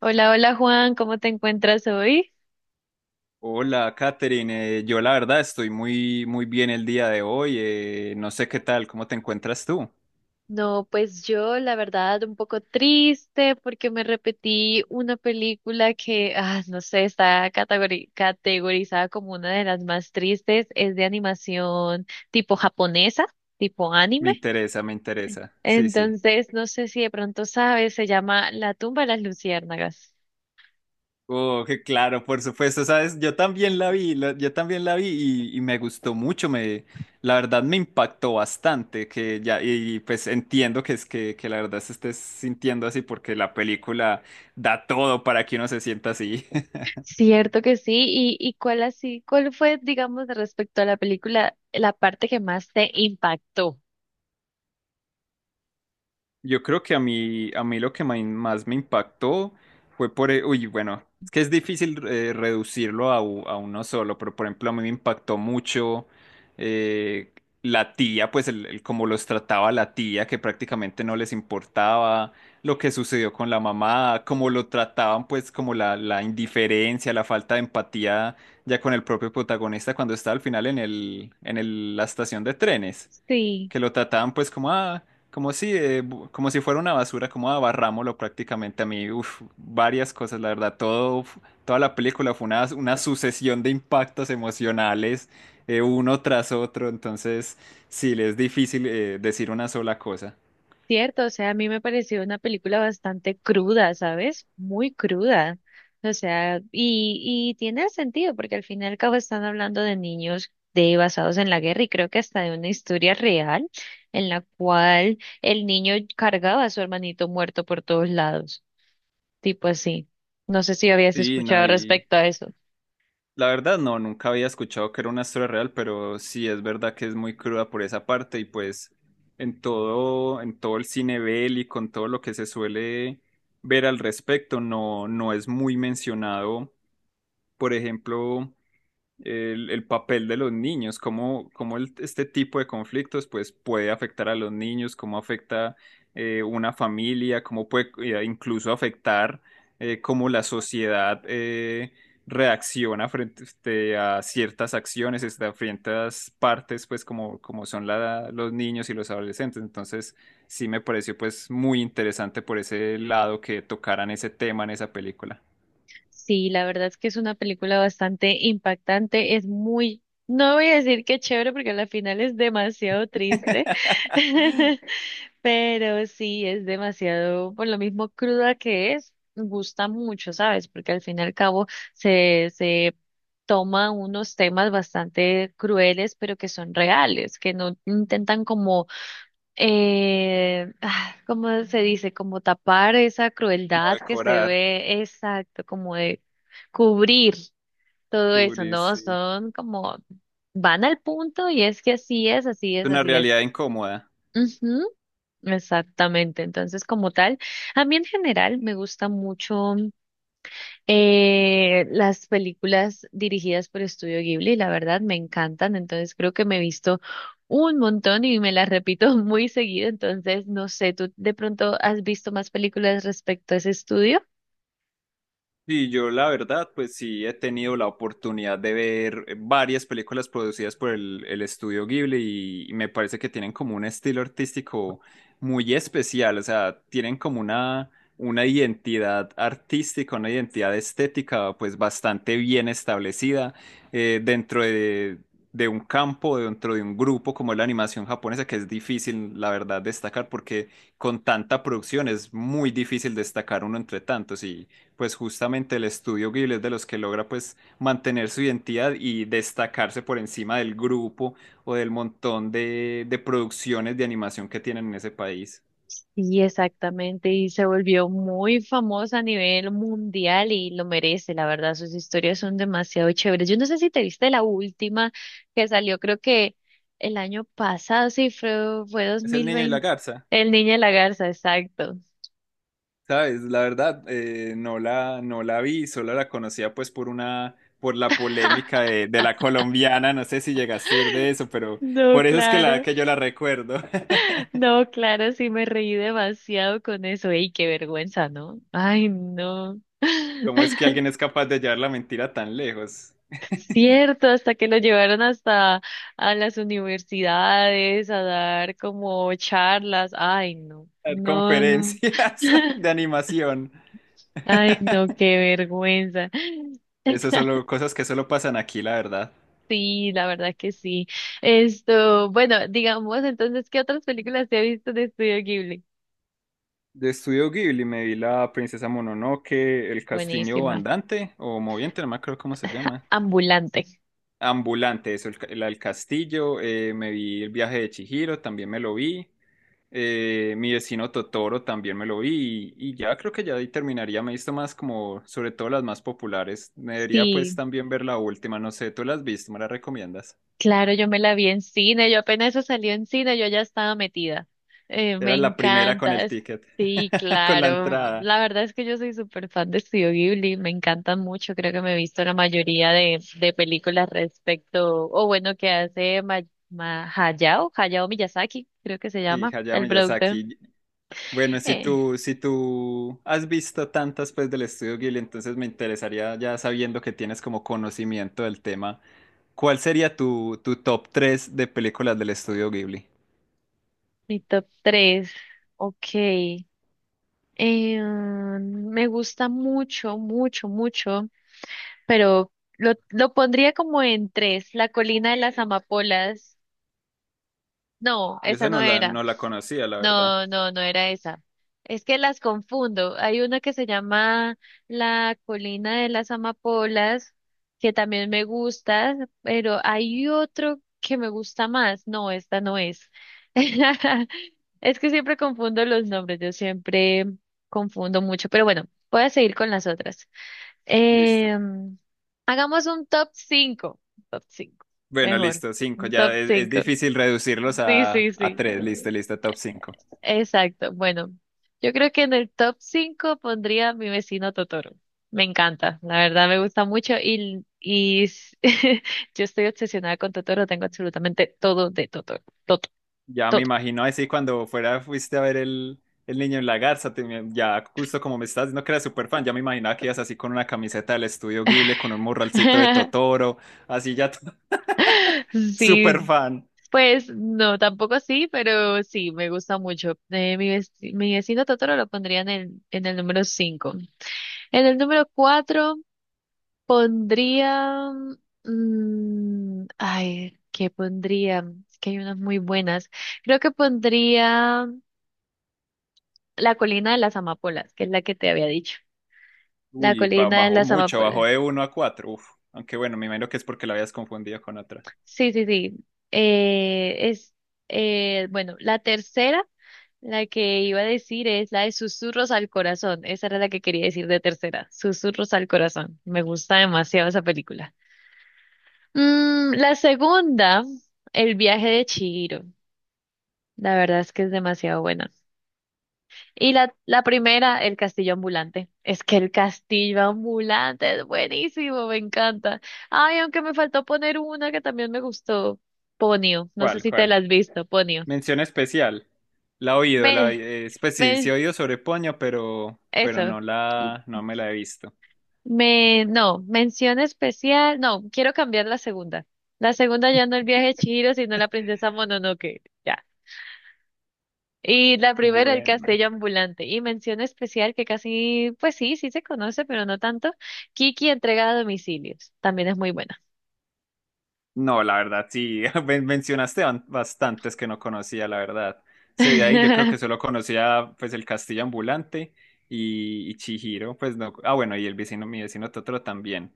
Hola, hola Juan, ¿cómo te encuentras hoy? Hola, Katherine. Yo la verdad estoy muy muy bien el día de hoy. No sé qué tal, ¿cómo te encuentras tú? No, pues yo la verdad un poco triste porque me repetí una película que, ah, no sé, está categorizada como una de las más tristes, es de animación tipo japonesa, tipo Me anime. interesa, me interesa. Sí, sí. Entonces, no sé si de pronto sabes, se llama La tumba de las luciérnagas. Oh, que claro, por supuesto, sabes, yo también la vi, yo también la vi y, me gustó mucho, la verdad me impactó bastante, que ya, y pues entiendo que que la verdad se estés sintiendo así, porque la película da todo para que uno se sienta así. Cierto que sí, y cuál así, cuál fue, digamos, respecto a la película, la parte que más te impactó. Yo creo que a mí lo que más me impactó fue uy, bueno, es que es difícil reducirlo a uno solo, pero por ejemplo a mí me impactó mucho eh, la tía, pues el cómo los trataba la tía, que prácticamente no les importaba lo que sucedió con la mamá, cómo lo trataban, pues como la indiferencia, la falta de empatía ya con el propio protagonista cuando está al final la estación de trenes, Sí. que lo trataban pues como ah, como si como si fuera una basura, como ah, barrámoslo prácticamente. A mí, uf, varias cosas, la verdad, toda la película fue una sucesión de impactos emocionales uno tras otro. Entonces sí, le es difícil decir una sola cosa. Cierto, o sea, a mí me pareció una película bastante cruda, ¿sabes? Muy cruda. O sea, y tiene sentido, porque al fin y al cabo están hablando de niños de basados en la guerra y creo que hasta de una historia real en la cual el niño cargaba a su hermanito muerto por todos lados, tipo así. No sé si habías Sí, no, escuchado y respecto a eso. la verdad, no, nunca había escuchado que era una historia real, pero sí es verdad que es muy cruda por esa parte. Y pues en todo el cine bélico, con todo lo que se suele ver al respecto, no, no es muy mencionado. Por ejemplo, el papel de los niños, cómo, este tipo de conflictos pues puede afectar a los niños, cómo afecta una familia, cómo puede incluso afectar, cómo la sociedad reacciona frente este, a ciertas acciones, este, a ciertas partes, pues como, los niños y los adolescentes. Entonces sí me pareció pues muy interesante por ese lado, que tocaran ese tema en esa película. Sí, la verdad es que es una película bastante impactante, es muy, no voy a decir que chévere porque a la final es demasiado triste, pero sí es demasiado, por lo mismo cruda que es, gusta mucho, ¿sabes? Porque al fin y al cabo se toma unos temas bastante crueles, pero que son reales, que no intentan como ah, ¿cómo se dice? Como tapar esa Como crueldad que se decorar, ve, exacto, como de cubrir todo eso, cubrir, ¿no? sí. Son como, van al punto y es que así es, así Es es, una así es. realidad incómoda. Ujú, exactamente. Entonces, como tal, a mí en general me gusta mucho. Las películas dirigidas por Estudio Ghibli, la verdad, me encantan, entonces creo que me he visto un montón y me las repito muy seguido, entonces no sé, ¿tú de pronto has visto más películas respecto a ese estudio? Sí, yo la verdad, pues sí he tenido la oportunidad de ver varias películas producidas por el estudio Ghibli, y me parece que tienen como un estilo artístico muy especial. O sea, tienen como una identidad artística, una identidad estética pues bastante bien establecida dentro de un campo, dentro de un grupo como es la animación japonesa, que es difícil, la verdad, destacar, porque con tanta producción es muy difícil destacar uno entre tantos. Y pues justamente el estudio Ghibli es de los que logra pues mantener su identidad y destacarse por encima del grupo, o del montón de producciones de animación que tienen en ese país. Y exactamente, y se volvió muy famosa a nivel mundial y lo merece, la verdad, sus historias son demasiado chéveres. Yo no sé si te viste la última que salió, creo que el año pasado, sí, fue dos Es el mil niño y la veinte garza, El Niño y la Garza, exacto. ¿sabes? La verdad, no la, no la vi, solo la conocía pues por una, por la polémica de la colombiana, no sé si llegaste a oír de eso, pero No, por eso es que, la, claro, que yo la recuerdo. no, claro, sí me reí demasiado con eso. Ey, qué vergüenza, ¿no? Ay, no. ¿Cómo es que alguien es capaz de llevar la mentira tan lejos? Cierto, hasta que lo llevaron hasta a las universidades a dar como charlas. Ay, no, Dar no, no. conferencias de animación. Ay, no, qué vergüenza. Esas son cosas que solo pasan aquí, la verdad. Sí, la verdad que sí. Esto, bueno, digamos entonces, ¿qué otras películas te has visto de Estudio Ghibli? De Estudio Ghibli me vi la Princesa Mononoke, el castillo Buenísima. andante o moviente, no me acuerdo cómo se llama. Ambulante. Ambulante, eso, la del castillo. Me vi el viaje de Chihiro, también me lo vi. Mi vecino Totoro también me lo vi. Y ya creo que ya ahí terminaría. Me he visto más como, sobre todo las más populares. Me debería pues Sí. también ver la última. No sé, ¿tú la has visto? ¿Me la recomiendas? Claro, yo me la vi en cine, yo apenas eso salió en cine, yo ya estaba metida. Me Era la primera con encanta. el ticket, Sí, con la claro. entrada. La verdad es que yo soy súper fan de Studio Ghibli, me encanta mucho, creo que me he visto la mayoría de películas respecto, o bueno, que hace Hayao, Hayao Miyazaki, creo que se Sí, llama, Hayao el productor. Miyazaki. Bueno, Eh, si tú has visto tantas pues del estudio Ghibli, entonces me interesaría, ya sabiendo que tienes como conocimiento del tema, ¿cuál sería tu top 3 de películas del estudio Ghibli? Mi top tres, ok. Me gusta mucho, mucho, mucho. Pero lo pondría como en tres, La colina de las amapolas. No, Yo esa esa no no la, era. no la conocía, la verdad. No, no, no era esa. Es que las confundo. Hay una que se llama La colina de las amapolas, que también me gusta, pero hay otro que me gusta más. No, esta no es. Es que siempre confundo los nombres, yo siempre confundo mucho, pero bueno, voy a seguir con las otras. Listo. Em, Hagamos un top 5. Top 5, Bueno, mejor. listo, 5. Un Ya top es 5. difícil reducirlos Sí, sí, a sí. 3. Listo, listo, top 5. Exacto. Bueno, yo creo que en el top 5 pondría a mi vecino Totoro. Me encanta, la verdad me gusta mucho y, yo estoy obsesionada con Totoro, tengo absolutamente todo de Totoro. Todo, Ya me todo. imagino así cuando fuera fuiste a ver el niño en la garza, ya justo como me estás diciendo que eras súper fan, ya me imaginaba que ibas así con una camiseta del estudio Ghibli, con un morralcito de Totoro, así ya Sí, súper fan. pues no, tampoco así, pero sí, me gusta mucho. Mi vecino Totoro lo pondría en en el número cinco. En el número 4 pondría... mm, ay, ¿qué pondría? Es que hay unas muy buenas. Creo que pondría La colina de las amapolas, que es la que te había dicho. La Uy, colina de bajó las mucho, bajó amapolas. de uno a 4. Uf. Aunque bueno, me imagino que es porque la habías confundido con otra. Sí, sí, sí. Eh, es, bueno, la tercera, la que iba a decir es la de Susurros al Corazón. Esa era la que quería decir de tercera, Susurros al Corazón. Me gusta demasiado esa película. Mm, la segunda, El viaje de Chihiro. La verdad es que es demasiado buena. Y la primera, el castillo ambulante. Es que el castillo ambulante es buenísimo, me encanta. Ay, aunque me faltó poner una que también me gustó, Ponio. No sé ¿Cuál, si te la cuál? has visto, Ponio. Mención especial. La he oído, la, Me, pues sí, sí he me, oído sobre Poño, pero eso. no la, no me la he visto. Me, no, mención especial. No, quiero cambiar la segunda. La segunda ya no el viaje de Chihiro, sino la princesa Mononoke. Ya. Y la primera, el Buena. castillo ambulante. Y mención especial que casi, pues sí, sí se conoce, pero no tanto. Kiki entrega a domicilios. También es muy buena. No, la verdad, sí, mencionaste bastantes que no conocía, la verdad. Ese de ahí yo creo que solo conocía pues el Castillo Ambulante y Chihiro, pues no. Ah, bueno, y el vecino, mi vecino Totoro también.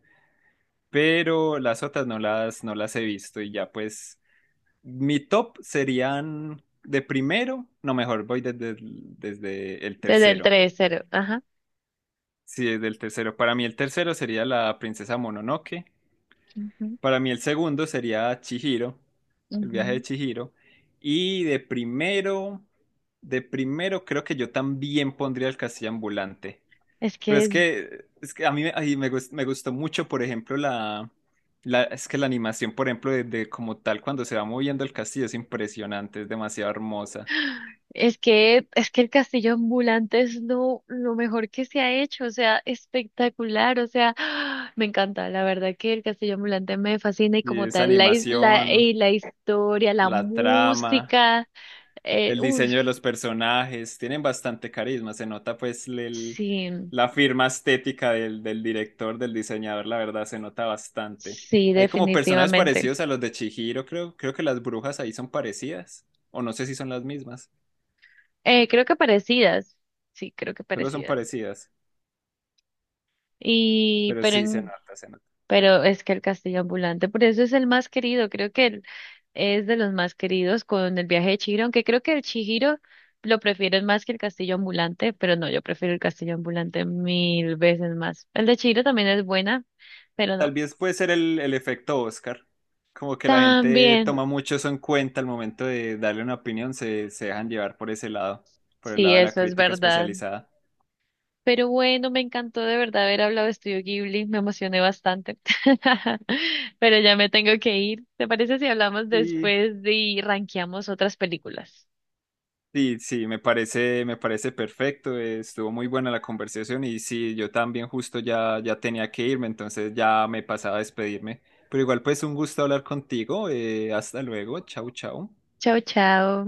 Pero las otras no las, no las he visto. Y ya pues mi top serían de primero, no mejor, voy desde, desde el Desde el tercero. tres cero. Ajá. Sí, desde el tercero. Para mí el tercero sería la Princesa Mononoke. Ujú. Para mí el segundo sería Chihiro, el viaje Ujú. de Chihiro. Y de primero creo que yo también pondría el castillo ambulante. Es Pero que, es que a mí me, me gustó mucho, por ejemplo, la, es que la animación, por ejemplo, de como tal cuando se va moviendo el castillo es impresionante, es demasiado hermosa. Es que el castillo ambulante es lo mejor que se ha hecho, o sea, espectacular, o sea, me encanta, la verdad que el castillo ambulante me fascina y Y como esa tal, animación, y la historia, la la trama. música, El uff, diseño de los personajes, tienen bastante carisma, se nota pues sí. la firma estética del, del director, del diseñador, la verdad, se nota bastante. Sí, Hay como personajes definitivamente. parecidos a los de Chihiro, creo, creo que las brujas ahí son parecidas, o no sé si son las mismas, Creo que parecidas. Sí, creo que solo son parecidas. parecidas, Y, pero pero sí se en, nota, se nota. pero es que el castillo ambulante, por eso es el más querido. Creo que el- es de los más queridos con el viaje de Chihiro, aunque creo que el Chihiro lo prefieren más que el castillo ambulante, pero no, yo prefiero el castillo ambulante mil veces más. El de Chihiro también es buena, pero no. Tal vez puede ser el efecto Oscar, como que la gente También, toma mucho eso en cuenta al momento de darle una opinión, se dejan llevar por ese lado, por el sí, lado de la eso es crítica verdad. especializada. Pero bueno, me encantó de verdad haber hablado de Estudio Ghibli, me emocioné bastante. Pero ya me tengo que ir. ¿Te parece si hablamos Y después y rankeamos otras películas? sí, sí, me parece perfecto. Estuvo muy buena la conversación. Y sí, yo también justo ya, ya tenía que irme, entonces ya me pasaba a despedirme. Pero igual pues un gusto hablar contigo. Hasta luego. Chau, chau. Chao, chao.